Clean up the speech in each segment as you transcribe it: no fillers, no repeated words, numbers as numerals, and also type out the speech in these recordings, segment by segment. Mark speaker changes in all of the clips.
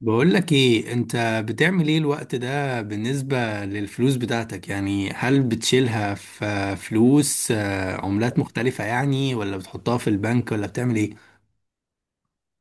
Speaker 1: بقول لك ايه؟ انت بتعمل ايه الوقت ده بالنسبة للفلوس بتاعتك؟ يعني هل بتشيلها في فلوس، عملات مختلفة يعني، ولا بتحطها في البنك، ولا بتعمل ايه؟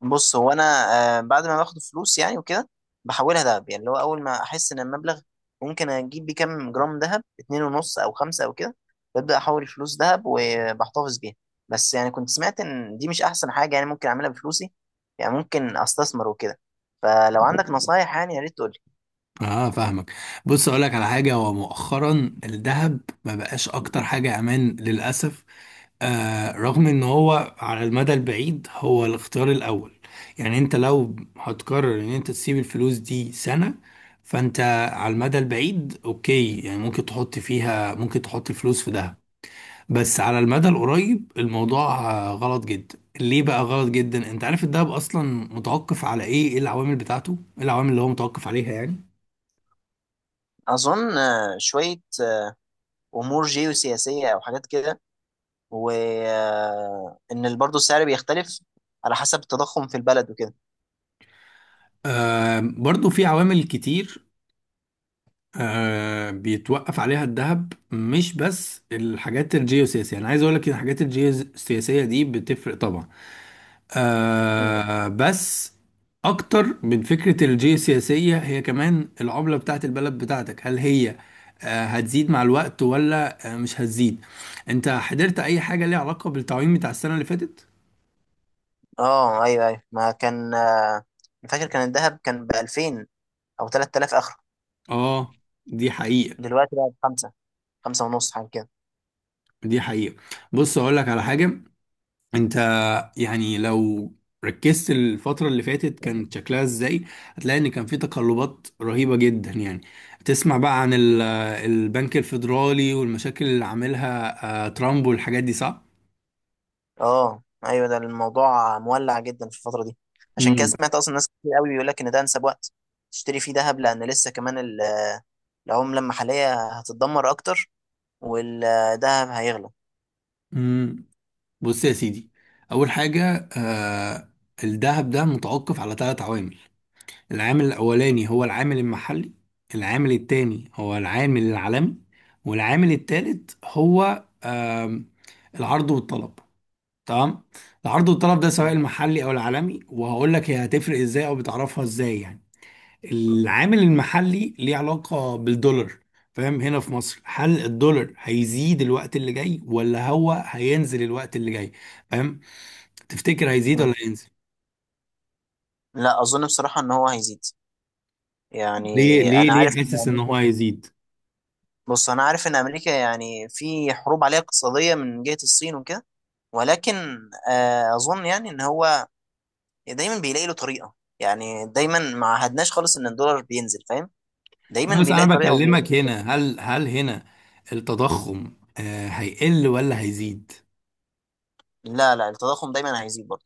Speaker 2: بص هو انا بعد ما باخد فلوس يعني وكده بحولها دهب يعني اللي هو اول ما احس ان المبلغ ممكن اجيب بيه كام جرام دهب اتنين ونص او خمسه او كده. ببدا احول الفلوس دهب وبحتفظ بيها. بس يعني كنت سمعت ان دي مش احسن حاجه يعني ممكن اعملها بفلوسي، يعني ممكن استثمر وكده. فلو عندك نصايح يعني يا ريت تقول لي.
Speaker 1: اه، فاهمك. بص اقول لك على حاجه. هو مؤخرا الذهب ما بقاش اكتر حاجه امان للاسف. رغم ان هو على المدى البعيد هو الاختيار الاول. يعني انت لو هتقرر ان انت تسيب الفلوس دي سنة، فانت على المدى البعيد اوكي، يعني ممكن تحط فيها، ممكن تحط الفلوس في دهب. بس على المدى القريب الموضوع غلط جدا. ليه بقى غلط جدا؟ انت عارف الدهب اصلا متوقف على ايه؟ ايه العوامل بتاعته؟ ايه العوامل اللي هو متوقف عليها يعني؟
Speaker 2: اظن شويه امور جيوسياسيه او حاجات كده، وان برضه السعر بيختلف على حسب التضخم في البلد وكده.
Speaker 1: برضو في عوامل كتير بيتوقف عليها الذهب، مش بس الحاجات الجيوسياسية. أنا عايز أقول لك إن الحاجات الجيوسياسية دي بتفرق طبعا. بس أكتر من فكرة الجيوسياسية، هي كمان العملة بتاعت البلد بتاعتك. هل هي هتزيد مع الوقت، ولا مش هتزيد؟ أنت حضرت أي حاجة ليها علاقة بالتعويم بتاع السنة اللي فاتت؟
Speaker 2: اه، ايوه ايوه. ما كان مش فاكر، كان الذهب كان ب 2000 او 3000 اخر.
Speaker 1: آه دي حقيقة.
Speaker 2: دلوقتي بقى بخمسة، خمسة ونص حاجه كده.
Speaker 1: دي حقيقة. بص أقول لك على حاجة. انت يعني لو ركزت الفترة اللي فاتت كان شكلها ازاي، هتلاقي ان كان في تقلبات رهيبة جدا يعني. تسمع بقى عن البنك الفيدرالي والمشاكل اللي عاملها ترامب والحاجات دي، صح؟
Speaker 2: اه، ايوه. ده الموضوع مولع جدا في الفتره دي، عشان كده
Speaker 1: امم
Speaker 2: سمعت اصلا ناس كتير قوي بيقول لك ان ده انسب وقت تشتري فيه ذهب، لان لسه كمان العمله المحليه هتتدمر اكتر والذهب هيغلى.
Speaker 1: امم بص يا سيدي. اول حاجة، الذهب ده متوقف على 3 عوامل. العامل الاولاني هو العامل المحلي. العامل التاني هو العامل العالمي. والعامل التالت هو آم، العرض والطلب. تمام. العرض والطلب ده سواء
Speaker 2: مم.
Speaker 1: المحلي او العالمي، وهقول لك هي هتفرق ازاي او بتعرفها ازاي يعني. العامل المحلي ليه علاقة بالدولار، فاهم؟ هنا في مصر هل الدولار هيزيد الوقت اللي جاي، ولا هو هينزل الوقت اللي جاي؟ فاهم؟ تفتكر هيزيد ولا
Speaker 2: مم.
Speaker 1: هينزل؟
Speaker 2: لا، اظن بصراحه ان هو هيزيد يعني.
Speaker 1: ليه ليه
Speaker 2: انا
Speaker 1: ليه
Speaker 2: عارف ان
Speaker 1: حاسس ان هو
Speaker 2: امريكا،
Speaker 1: هيزيد؟
Speaker 2: بص انا عارف ان امريكا يعني في حروب عليها اقتصاديه من جهه الصين وكده. ولكن اظن يعني ان هو دايما بيلاقي له طريقه، يعني دايما ما عهدناش خالص ان الدولار بينزل فاهم.
Speaker 1: لا
Speaker 2: دايما
Speaker 1: بس
Speaker 2: بيلاقي
Speaker 1: انا
Speaker 2: طريقه
Speaker 1: بكلمك هنا. هل هنا التضخم هيقل ولا هيزيد؟
Speaker 2: لا لا، التضخم دايما هيزيد برضه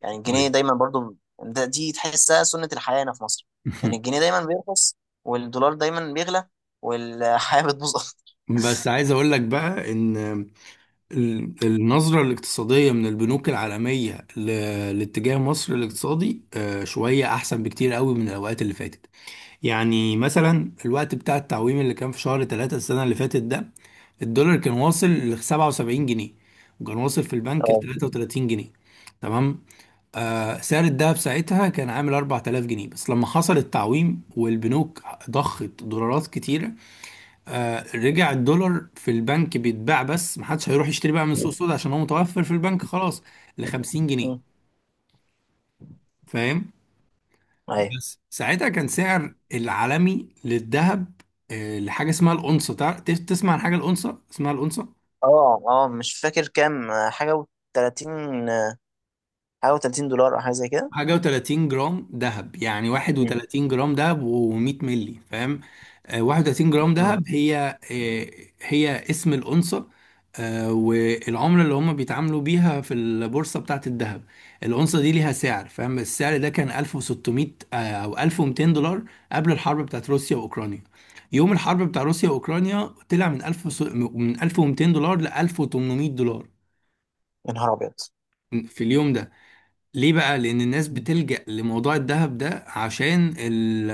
Speaker 2: يعني، الجنيه
Speaker 1: طيب.
Speaker 2: دايما برضه. ده دي تحسها سنه الحياه هنا في مصر، يعني الجنيه دايما بيرخص والدولار دايما بيغلى والحياه بتبوظ اكتر.
Speaker 1: بس عايز اقول لك بقى ان النظرة الاقتصادية من البنوك العالمية لاتجاه مصر الاقتصادي شوية أحسن بكتير قوي من الأوقات اللي فاتت. يعني مثلا الوقت بتاع التعويم اللي كان في شهر 3 السنة اللي فاتت ده، الدولار كان واصل ل 77 جنيه، وكان واصل في البنك ل
Speaker 2: اه.
Speaker 1: 33 جنيه. تمام. سعر الذهب ساعتها كان عامل 4000 جنيه. بس لما حصل التعويم والبنوك ضخت دولارات كتيرة، رجع الدولار في البنك بيتباع، بس محدش هيروح يشتري بقى من السوق السوداء عشان هو متوفر في البنك خلاص، ل 50 جنيه.
Speaker 2: أمم.
Speaker 1: فاهم؟
Speaker 2: ايوه.
Speaker 1: بس ساعتها كان سعر العالمي للذهب لحاجه اسمها الأونصة. تسمع عن حاجه الأونصة، اسمها الأونصة.
Speaker 2: اه اه، مش فاكر كام حاجه و30، حاجه و30 دولار او حاجه زي كده.
Speaker 1: حاجة و30 جرام دهب، يعني
Speaker 2: أمم.
Speaker 1: 31 جرام دهب و100 مللي. فاهم؟ 31 جرام
Speaker 2: أمم.
Speaker 1: دهب هي، هي اسم الأونصة. والعملة اللي هم بيتعاملوا بيها في البورصة بتاعة الذهب، الأونصة دي ليها سعر، فاهم؟ السعر ده كان 1600 أو 1200 دولار قبل الحرب بتاعة روسيا وأوكرانيا. يوم الحرب بتاع روسيا وأوكرانيا، طلع من 1000 من 1200 دولار ل 1800 دولار
Speaker 2: يا نهار ابيض.
Speaker 1: في اليوم ده. ليه بقى؟ لأن الناس بتلجأ لموضوع الذهب ده، عشان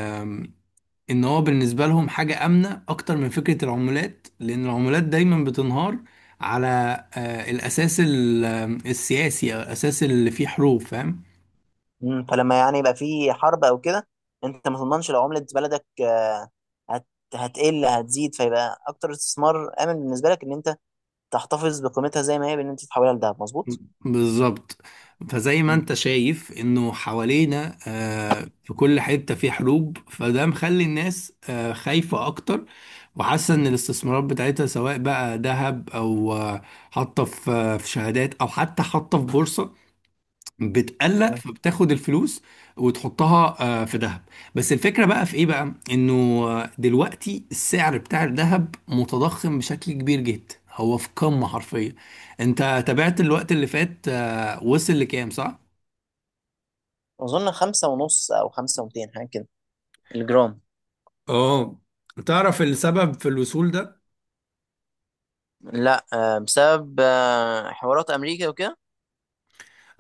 Speaker 1: إن هو بالنسبة لهم حاجة آمنة أكتر من فكرة العملات، لأن العملات دايما بتنهار على الأساس السياسي، أو الأساس اللي فيه حروب. فاهم؟
Speaker 2: مم. فلما يعني يبقى في حرب او كده انت ما تضمنش لو عملة بلدك هت... هتقل هتزيد، فيبقى اكتر استثمار امن بالنسبة لك ان انت تحتفظ بقيمتها زي ما هي، بان انت تحولها لدهب مظبوط.
Speaker 1: بالظبط. فزي ما
Speaker 2: مم.
Speaker 1: انت شايف انه حوالينا في كل حتة في حروب، فده مخلي الناس خايفة اكتر. وحاسة ان الاستثمارات بتاعتها سواء بقى ذهب، او حاطة في في شهادات، او حتى حاطة في بورصة، بتقلق،
Speaker 2: مم.
Speaker 1: فبتاخد الفلوس وتحطها في ذهب. بس الفكرة بقى في ايه بقى؟ انه دلوقتي السعر بتاع الذهب متضخم بشكل كبير جدا، هو في قمة حرفيا. انت تابعت الوقت اللي فات وصل لكام، صح؟
Speaker 2: اظن خمسة ونص او خمسة ومتين حاجة كده، الجرام.
Speaker 1: اه. تعرف السبب في الوصول ده؟
Speaker 2: لا، بسبب حوارات امريكا وكده.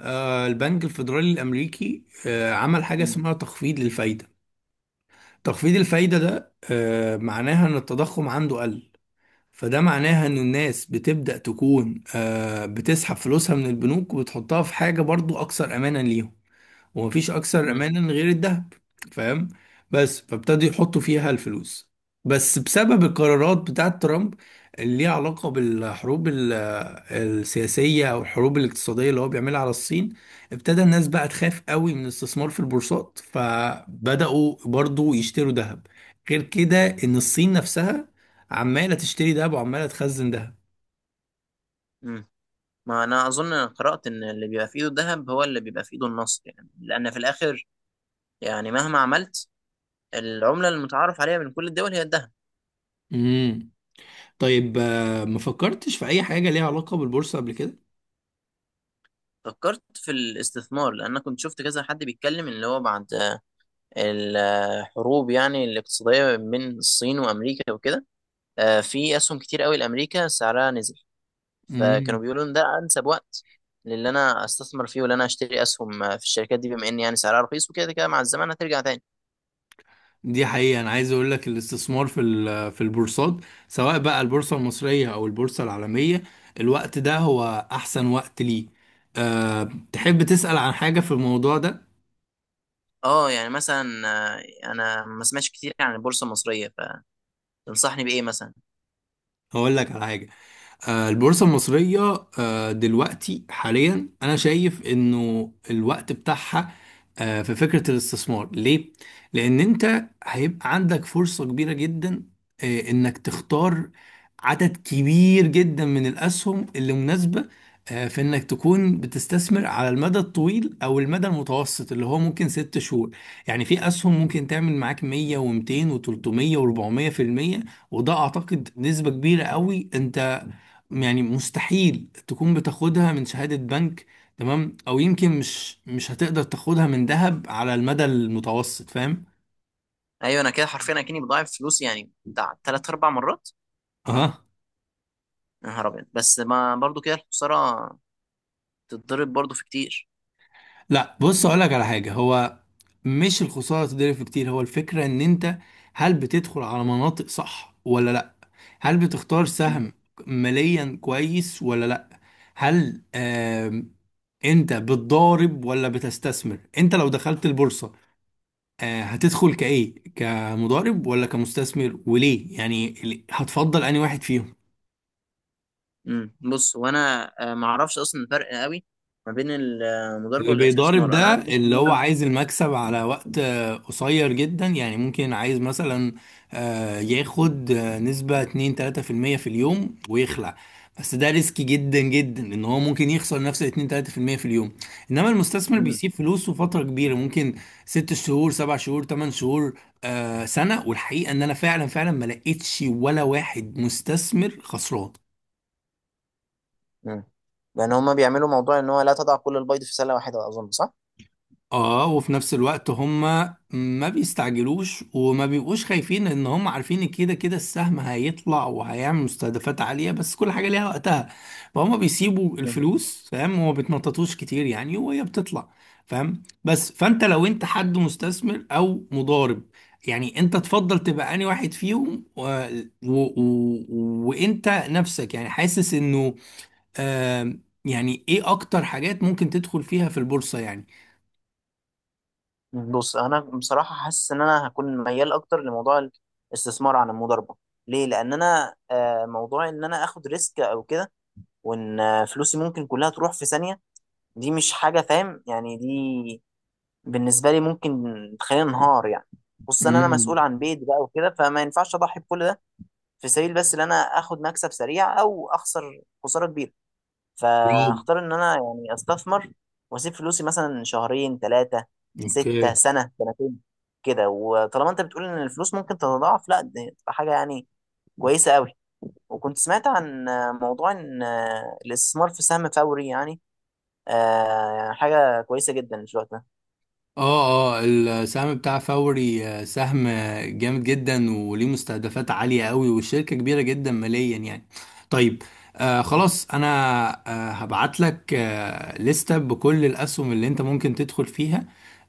Speaker 1: البنك الفيدرالي الامريكي عمل حاجه
Speaker 2: مم.
Speaker 1: اسمها تخفيض للفايده. تخفيض الفايده ده معناها ان التضخم عنده قل. فده معناها ان الناس بتبدأ تكون بتسحب فلوسها من البنوك وبتحطها في حاجة برضو اكثر امانا ليهم. ومفيش اكثر
Speaker 2: مم.
Speaker 1: امانا غير الذهب. فاهم؟ بس فابتدوا يحطوا فيها الفلوس. بس بسبب القرارات بتاعت ترامب، اللي ليها علاقة بالحروب السياسية، أو الحروب الاقتصادية اللي هو بيعملها على الصين، ابتدى الناس بقى تخاف قوي من الاستثمار في البورصات، فبدأوا برضو يشتروا ذهب. غير كده، إن الصين نفسها عمالة تشتري ذهب وعمالة تخزن ذهب.
Speaker 2: مم. ما انا اظن قرأت ان اللي بيبقى في ايده الذهب هو اللي بيبقى في ايده النصر، يعني لان في الاخر يعني مهما عملت، العملة المتعارف عليها من كل الدول هي الذهب.
Speaker 1: امم طيب، ما فكرتش في أي حاجة ليها علاقة بالبورصة قبل كده؟
Speaker 2: فكرت في الاستثمار، لان أنا كنت شفت كذا حد بيتكلم اللي هو بعد الحروب يعني الاقتصاديه بين الصين وامريكا وكده، في اسهم كتير قوي لامريكا سعرها نزل. فكانوا
Speaker 1: مم.
Speaker 2: بيقولوا ان ده انسب وقت للي انا استثمر فيه واللي انا اشتري اسهم في الشركات دي، بما ان يعني سعرها رخيص وكده كده مع الزمن هترجع تاني.
Speaker 1: دي حقيقة. أنا عايز أقول لك الاستثمار في في البورصات، سواء بقى البورصة المصرية أو البورصة العالمية، الوقت ده هو أحسن وقت ليه. أه،
Speaker 2: مم.
Speaker 1: تحب تسأل عن حاجة في الموضوع ده؟
Speaker 2: اه، يعني مثلا آه، انا ما سمعتش كتير عن البورصه المصريه، فتنصحني بايه مثلا.
Speaker 1: هقول لك على حاجة. البورصة المصرية دلوقتي حاليا أنا شايف إنه الوقت بتاعها في فكرة الاستثمار ليه؟ لأن أنت هيبقى عندك فرصة كبيرة جدا، إنك تختار عدد كبير جدا من الأسهم اللي مناسبة، في إنك تكون بتستثمر على المدى الطويل أو المدى المتوسط، اللي هو ممكن 6 شهور. يعني في أسهم ممكن تعمل معاك 100 و200 و300 و400%. وده أعتقد نسبة كبيرة قوي. أنت يعني مستحيل تكون بتاخدها من شهادة بنك. تمام؟ او يمكن مش هتقدر تاخدها من ذهب على المدى المتوسط. فاهم؟
Speaker 2: ايوه انا كده حرفيا اكني بضاعف فلوسي يعني بتاع ثلاث اربع مرات.
Speaker 1: اه،
Speaker 2: يا نهار ابيض، بس ما برضو كده الخساره تتضرب برضو في كتير.
Speaker 1: لا. بص اقول لك على حاجة. هو مش الخسارة تضرب في كتير، هو الفكرة ان انت، هل بتدخل على مناطق صح ولا لا؟ هل بتختار
Speaker 2: مم.
Speaker 1: سهم ماليا كويس ولا لا؟ هل انت بتضارب ولا بتستثمر؟ انت لو دخلت البورصة هتدخل كايه، كمضارب ولا كمستثمر؟ وليه يعني، هتفضل انهي واحد فيهم؟
Speaker 2: مم. بص وانا ما اعرفش اصلا الفرق قوي ما بين المضاربه
Speaker 1: اللي بيضارب
Speaker 2: والاستثمار، انا
Speaker 1: ده
Speaker 2: عارف بس
Speaker 1: اللي
Speaker 2: ان
Speaker 1: هو
Speaker 2: انا.
Speaker 1: عايز المكسب على وقت قصير جدا. يعني ممكن عايز مثلا ياخد نسبة 2 3% في المية في اليوم ويخلع. بس ده ريسكي جدا جدا، ان هو ممكن يخسر نفس ال 2 3% في اليوم. انما المستثمر
Speaker 2: مم.
Speaker 1: بيسيب فلوسه فترة كبيرة، ممكن 6 شهور، 7 شهور، 8 شهور، سنة. والحقيقة ان انا فعلا فعلا ما لقيتش ولا واحد مستثمر خسران.
Speaker 2: مم. لان هما بيعملوا موضوع ان هو لا تضع كل البيض في سله واحده، اظن صح.
Speaker 1: اه. وفي نفس الوقت هم ما بيستعجلوش وما بيبقوش خايفين، ان هم عارفين إن كده كده السهم هيطلع وهيعمل مستهدفات عالية، بس كل حاجة ليها وقتها. فهم بيسيبوا
Speaker 2: مم.
Speaker 1: الفلوس، فاهم؟ وما بيتنططوش كتير يعني، وهي بتطلع. فاهم؟ بس فانت لو انت حد مستثمر او مضارب يعني، انت تفضل تبقى انهي واحد فيهم وانت نفسك يعني حاسس انه آه يعني ايه اكتر حاجات ممكن تدخل فيها في البورصة يعني؟
Speaker 2: مم. بص انا بصراحه حاسس ان انا هكون ميال اكتر لموضوع الاستثمار عن المضاربه. ليه؟ لان انا موضوع ان انا اخد ريسك او كده وان فلوسي ممكن كلها تروح في ثانيه، دي مش حاجه فاهم يعني، دي بالنسبه لي ممكن تخليني انهار يعني. خصوصا انا
Speaker 1: مم.
Speaker 2: مسؤول عن بيت بقى وكده، فما ينفعش اضحي بكل ده في سبيل بس ان انا اخد مكسب سريع او اخسر خساره كبيره.
Speaker 1: روم.
Speaker 2: فاختار ان انا يعني استثمر واسيب فلوسي مثلا شهرين، ثلاثه، سته،
Speaker 1: اوكي.
Speaker 2: سنه، سنتين كده. وطالما انت بتقول ان الفلوس ممكن تتضاعف، لا دي تبقى حاجه يعني كويسه قوي. وكنت سمعت عن موضوع ان الاستثمار في سهم فوري يعني حاجه كويسه جدا في الوقت ده.
Speaker 1: اه، اه، السهم بتاع فوري سهم جامد جدا، وليه مستهدفات عالية قوي، والشركة كبيرة جدا ماليا يعني. طيب. خلاص، انا هبعت لك لستة بكل الاسهم اللي انت ممكن تدخل فيها،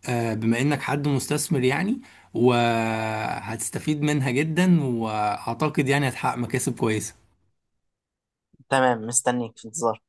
Speaker 1: بما انك حد مستثمر يعني. وهتستفيد منها جدا، واعتقد يعني هتحقق مكاسب كويسة.
Speaker 2: تمام، مستنيك في انتظار.